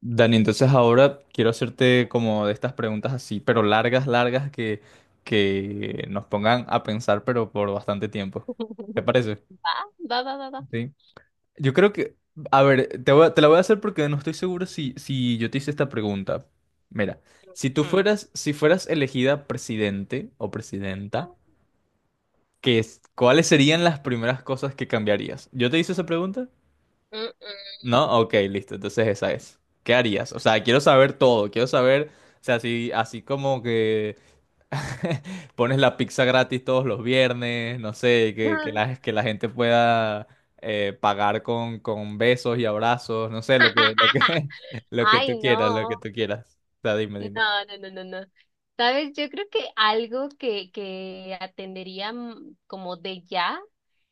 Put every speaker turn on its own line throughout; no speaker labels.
Dani, entonces ahora quiero hacerte como de estas preguntas así, pero largas, largas, que nos pongan a pensar, pero por bastante tiempo. ¿Te parece?
Va, va, va, va, va.
Sí. Yo creo que, a ver, te la voy a hacer porque no estoy seguro si yo te hice esta pregunta. Mira,
Hmm.
si fueras elegida presidente o presidenta, ¿ cuáles serían las primeras cosas que cambiarías? ¿Yo te hice esa pregunta?
Mm,
¿No? Ok, listo. Entonces esa es. ¿Qué harías? O sea, quiero saber todo. Quiero saber, o sea, así como que pones la pizza gratis todos los viernes, no sé,
mm.
que la gente pueda pagar con besos y abrazos, no sé, lo que tú
Ay,
quieras, lo que
no.
tú quieras. O sea, dime,
No,
dime.
no, no, no, no. Sabes, yo creo que algo que atendería como de ya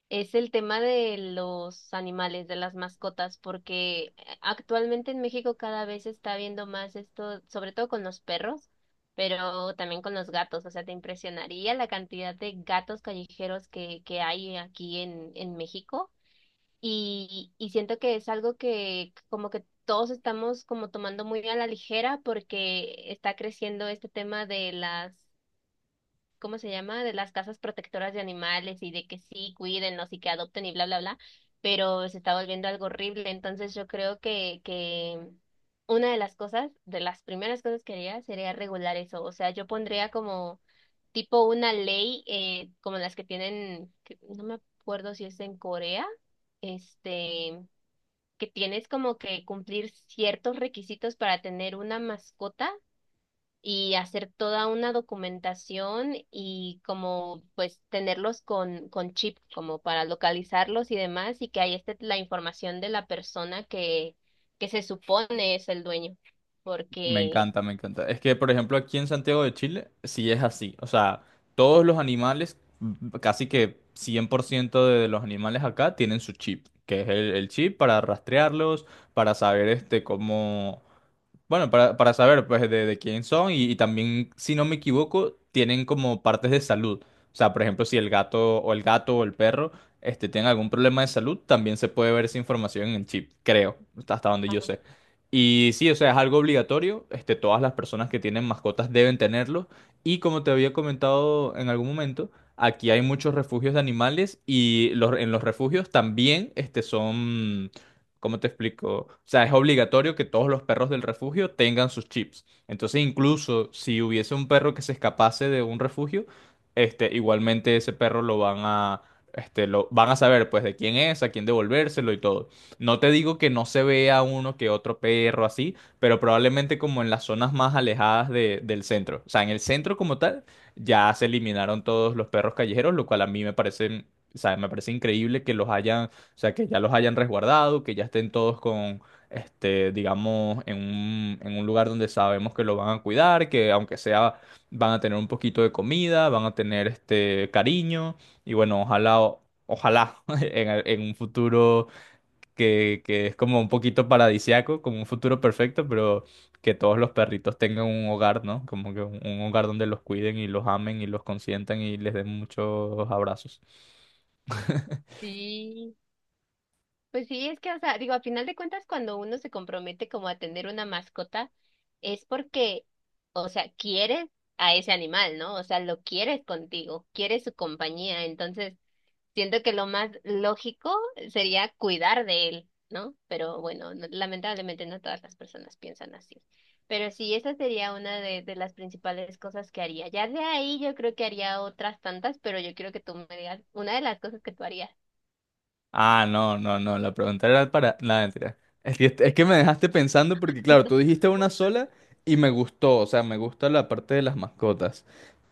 es el tema de los animales, de las mascotas, porque actualmente en México cada vez se está viendo más esto, sobre todo con los perros, pero también con los gatos. O sea, te impresionaría la cantidad de gatos callejeros que hay aquí en México. Y siento que es algo que como que todos estamos como tomando muy a la ligera porque está creciendo este tema de las ¿cómo se llama? De las casas protectoras de animales y de que sí, cuídenlos y que adopten y bla, bla, bla, pero se está volviendo algo horrible. Entonces yo creo que una de las cosas, de las primeras cosas que haría sería regular eso. O sea, yo pondría como tipo una ley como las que tienen, que no me acuerdo si es en Corea, este, que tienes como que cumplir ciertos requisitos para tener una mascota y hacer toda una documentación y como pues tenerlos con chip, como para localizarlos y demás, y que ahí esté la información de la persona que se supone es el dueño.
Me
Porque
encanta, me encanta. Es que, por ejemplo, aquí en Santiago de Chile, sí es así. O sea, todos los animales, casi que 100% de los animales acá tienen su chip, que es el chip para rastrearlos, para saber este, cómo, bueno, para saber pues de quién son y también, si no me equivoco, tienen como partes de salud. O sea, por ejemplo, si el gato o el perro este, tienen algún problema de salud, también se puede ver esa información en el chip, creo, hasta donde yo sé. Y sí, o sea, es algo obligatorio. Este, todas las personas que tienen mascotas deben tenerlo. Y como te había comentado en algún momento, aquí hay muchos refugios de animales y en los refugios también este, son... ¿Cómo te explico? O sea, es obligatorio que todos los perros del refugio tengan sus chips. Entonces, incluso si hubiese un perro que se escapase de un refugio, este, igualmente ese perro este, lo van a saber, pues, de quién es, a quién devolvérselo y todo. No te digo que no se vea uno que otro perro así, pero probablemente como en las zonas más alejadas del centro. O sea, en el centro como tal, ya se eliminaron todos los perros callejeros, lo cual a mí me parece, o sea, me parece increíble que los hayan o sea, que ya los hayan resguardado, que ya estén todos con, este, digamos, en un lugar donde sabemos que lo van a cuidar, que aunque sea, van a tener un poquito de comida, van a tener este cariño. Y bueno, ojalá en un futuro que es como un poquito paradisiaco, como un futuro perfecto, pero que todos los perritos tengan un hogar, ¿no? Como que un hogar donde los cuiden y los amen y los consientan y les den muchos abrazos.
sí, pues sí, es que, o sea, digo, a final de cuentas, cuando uno se compromete como a tener una mascota, es porque, o sea, quieres a ese animal, ¿no? O sea, lo quieres contigo, quieres su compañía, entonces siento que lo más lógico sería cuidar de él, ¿no? Pero bueno, no- lamentablemente no todas las personas piensan así. Pero sí, esa sería una de las principales cosas que haría. Ya de ahí yo creo que haría otras tantas, pero yo quiero que tú me digas una de las cosas que tú harías.
Ah, no, no, no, la pregunta era para... Nada, mentira. Es que me dejaste pensando porque, claro, tú dijiste una sola y me gustó, o sea, me gusta la parte de las mascotas,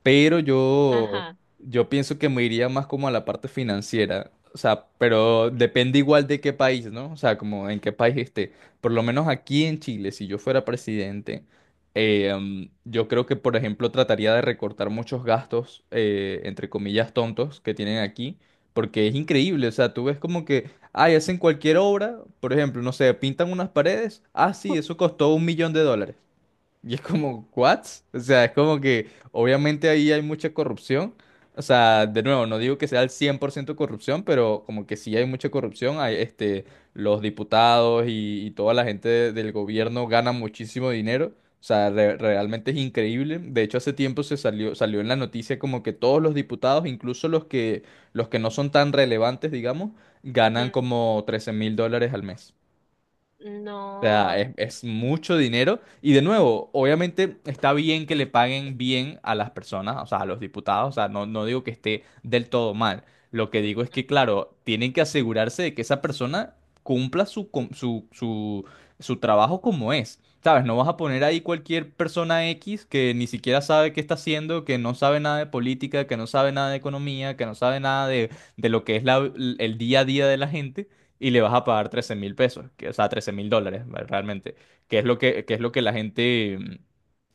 pero yo,
Ajá.
yo pienso que me iría más como a la parte financiera, o sea, pero depende
Sí.
igual de qué país, ¿no? O sea, como en qué país esté. Por lo menos aquí en Chile, si yo fuera presidente, yo creo que, por ejemplo, trataría de recortar muchos gastos, entre comillas, tontos que tienen aquí porque es increíble, o sea, tú ves como que, ay, hacen cualquier obra, por ejemplo, no sé, pintan unas paredes, ah, sí, eso costó un millón de dólares. Y es como, ¿what? O sea, es como que obviamente ahí hay mucha corrupción. O sea, de nuevo, no digo que sea el 100% corrupción, pero como que sí hay mucha corrupción. Hay, este, los diputados y toda la gente del gobierno ganan muchísimo dinero. O sea, realmente es increíble. De hecho, hace tiempo salió en la noticia como que todos los diputados, los que no son tan relevantes, digamos,
Ujú.
ganan como 13 mil dólares al mes
No.
sea, es mucho dinero. Y de nuevo, obviamente está bien que le paguen bien a las personas, o sea, a los diputados. O sea, no, no digo que esté del todo mal. Lo que
Ujú.
digo es que, claro, tienen que asegurarse de que esa persona cumpla su, su trabajo como es. ¿Sabes? No vas a poner ahí cualquier persona X que ni siquiera sabe qué está haciendo, que no sabe nada de política, que no sabe nada de economía, que no sabe nada de, de lo que el día a día de la gente y le vas a pagar 13 mil pesos, que, o sea, 13 mil dólares, ¿vale? Realmente, que es lo que la gente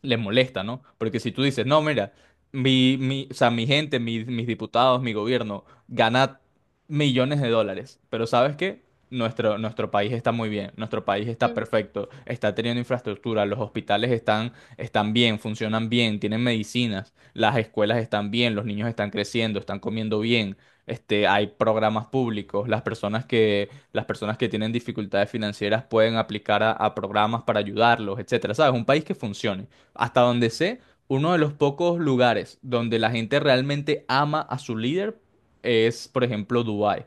le molesta, ¿no? Porque si tú dices, no, mira, o sea, mi gente, mis diputados, mi gobierno gana millones de dólares, pero ¿sabes qué? Nuestro país está muy bien, nuestro país está
Mm.
perfecto, está teniendo infraestructura, los hospitales están bien, funcionan bien, tienen medicinas, las escuelas están bien, los niños están creciendo, están comiendo bien, este, hay programas públicos, las personas que tienen dificultades financieras pueden aplicar a programas para ayudarlos, etcétera, ¿sabes? Un país que funcione. Hasta donde sé, uno de los pocos lugares donde la gente realmente ama a su líder es, por ejemplo, Dubái.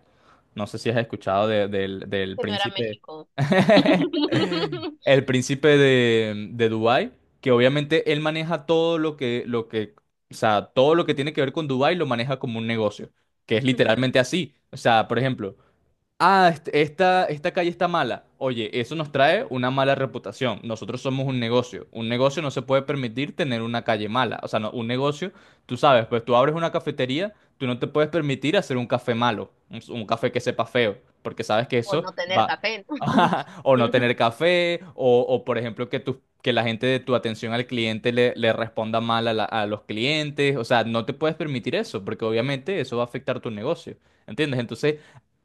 No sé si has escuchado del
Que no era
príncipe.
México.
El príncipe de Dubái, que obviamente él maneja todo lo que, o sea, todo lo que tiene que ver con Dubái lo maneja como un negocio, que es
Ujú.
literalmente así. O sea, por ejemplo, ah, esta calle está mala. Oye, eso nos trae una mala reputación. Nosotros somos un negocio. Un negocio no se puede permitir tener una calle mala. O sea, no, un negocio, tú sabes, pues tú abres una cafetería, tú no te puedes permitir hacer un café malo, un café que sepa feo, porque sabes que
O
eso
no tener
va.
café, ¿no?
O no tener café, o, por ejemplo que la gente de tu atención al cliente le responda mal a los clientes. O sea, no te puedes permitir eso, porque obviamente eso va a afectar tu negocio. ¿Entiendes? Entonces...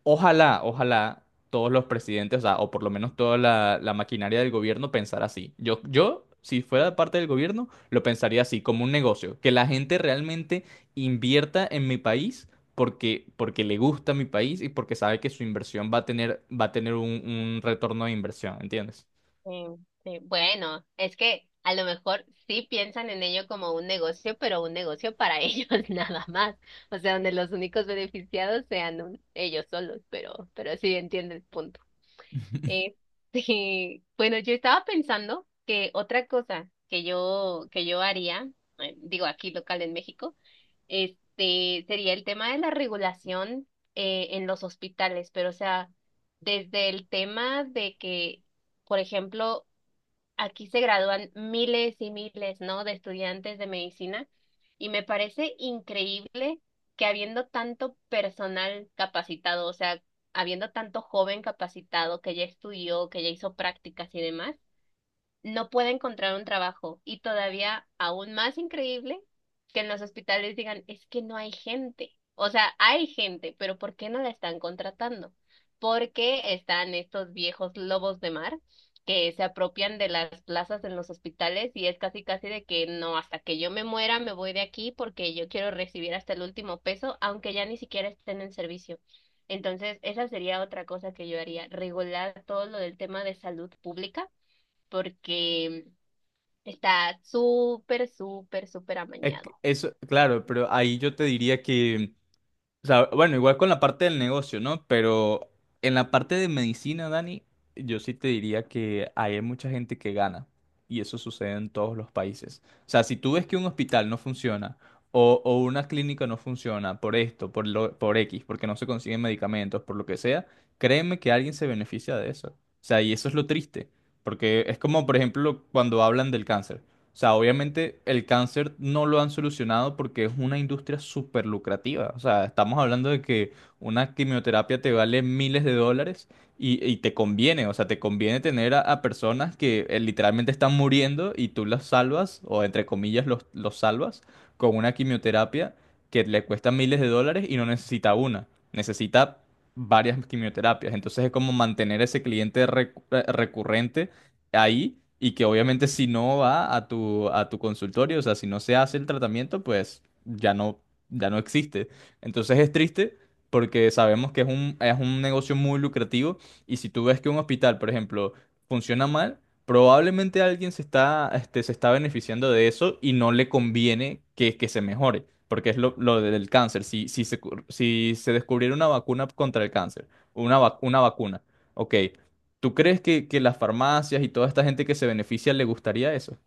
Ojalá, ojalá todos los presidentes, o sea, o por lo menos toda la maquinaria del gobierno pensara así. Yo, si fuera
Sí.
parte del gobierno, lo pensaría así, como un negocio, que la gente realmente invierta en mi país porque, porque le gusta mi país y porque sabe que su inversión va a tener un retorno de inversión, ¿entiendes?
Sí, sí. Bueno, es que a lo mejor sí piensan en ello como un negocio, pero un negocio para ellos nada más. O sea, donde los únicos beneficiados sean un- ellos solos, pero sí entiendo el punto. Eh, sí. Bueno, yo estaba pensando que otra cosa que yo haría, digo aquí local en México, este sería el tema de la regulación en los hospitales, pero o sea, desde el tema de que, por ejemplo, aquí se gradúan miles y miles, ¿no? de estudiantes de medicina y me parece increíble que habiendo tanto personal capacitado, o sea, habiendo tanto joven capacitado que ya estudió, que ya hizo prácticas y demás, no puede encontrar un trabajo. Y todavía aún más increíble que en los hospitales digan, es que no hay gente. O sea, hay gente, pero ¿por qué no la están contratando? Porque están estos viejos lobos de mar que se apropian de las plazas en los hospitales y es casi casi de que no, hasta que yo me muera me voy de aquí porque yo quiero recibir hasta el último peso, aunque ya ni siquiera estén en servicio. Entonces, esa sería otra cosa que yo haría, regular todo lo del tema de salud pública porque está súper, súper, súper
Es que
amañado.
eso, claro, pero ahí yo te diría que o sea, bueno, igual con la parte del negocio, ¿no? Pero en la parte de medicina, Dani, yo sí te diría que hay mucha gente que gana. Y eso sucede en todos los países. O sea, si tú ves que un hospital no funciona o una clínica no funciona por esto, por X, porque no se consiguen medicamentos, por lo que sea, créeme que alguien se beneficia de eso. O sea, y eso es lo triste. Porque es como, por ejemplo, cuando hablan del cáncer. O sea, obviamente el cáncer no lo han solucionado porque es una industria súper lucrativa. O sea, estamos hablando de que una quimioterapia te vale miles de dólares y te conviene. O sea, te conviene tener a personas que literalmente están muriendo y tú las salvas, o entre comillas los salvas, con una quimioterapia que le cuesta miles de dólares y no necesita una. Necesita varias quimioterapias. Entonces es como mantener ese cliente recurrente ahí y que obviamente si no va a a tu consultorio, o sea, si no se hace el tratamiento, pues ya no, ya no existe. Entonces es triste porque sabemos que es es un negocio muy lucrativo y si tú ves que un hospital, por ejemplo, funciona mal, probablemente alguien se está, este, se está beneficiando de eso y no le conviene que se mejore. Porque es lo del cáncer. Si se descubriera una vacuna contra el cáncer, una, una vacuna, ok. ¿Tú crees que las farmacias y toda esta gente que se beneficia le gustaría eso?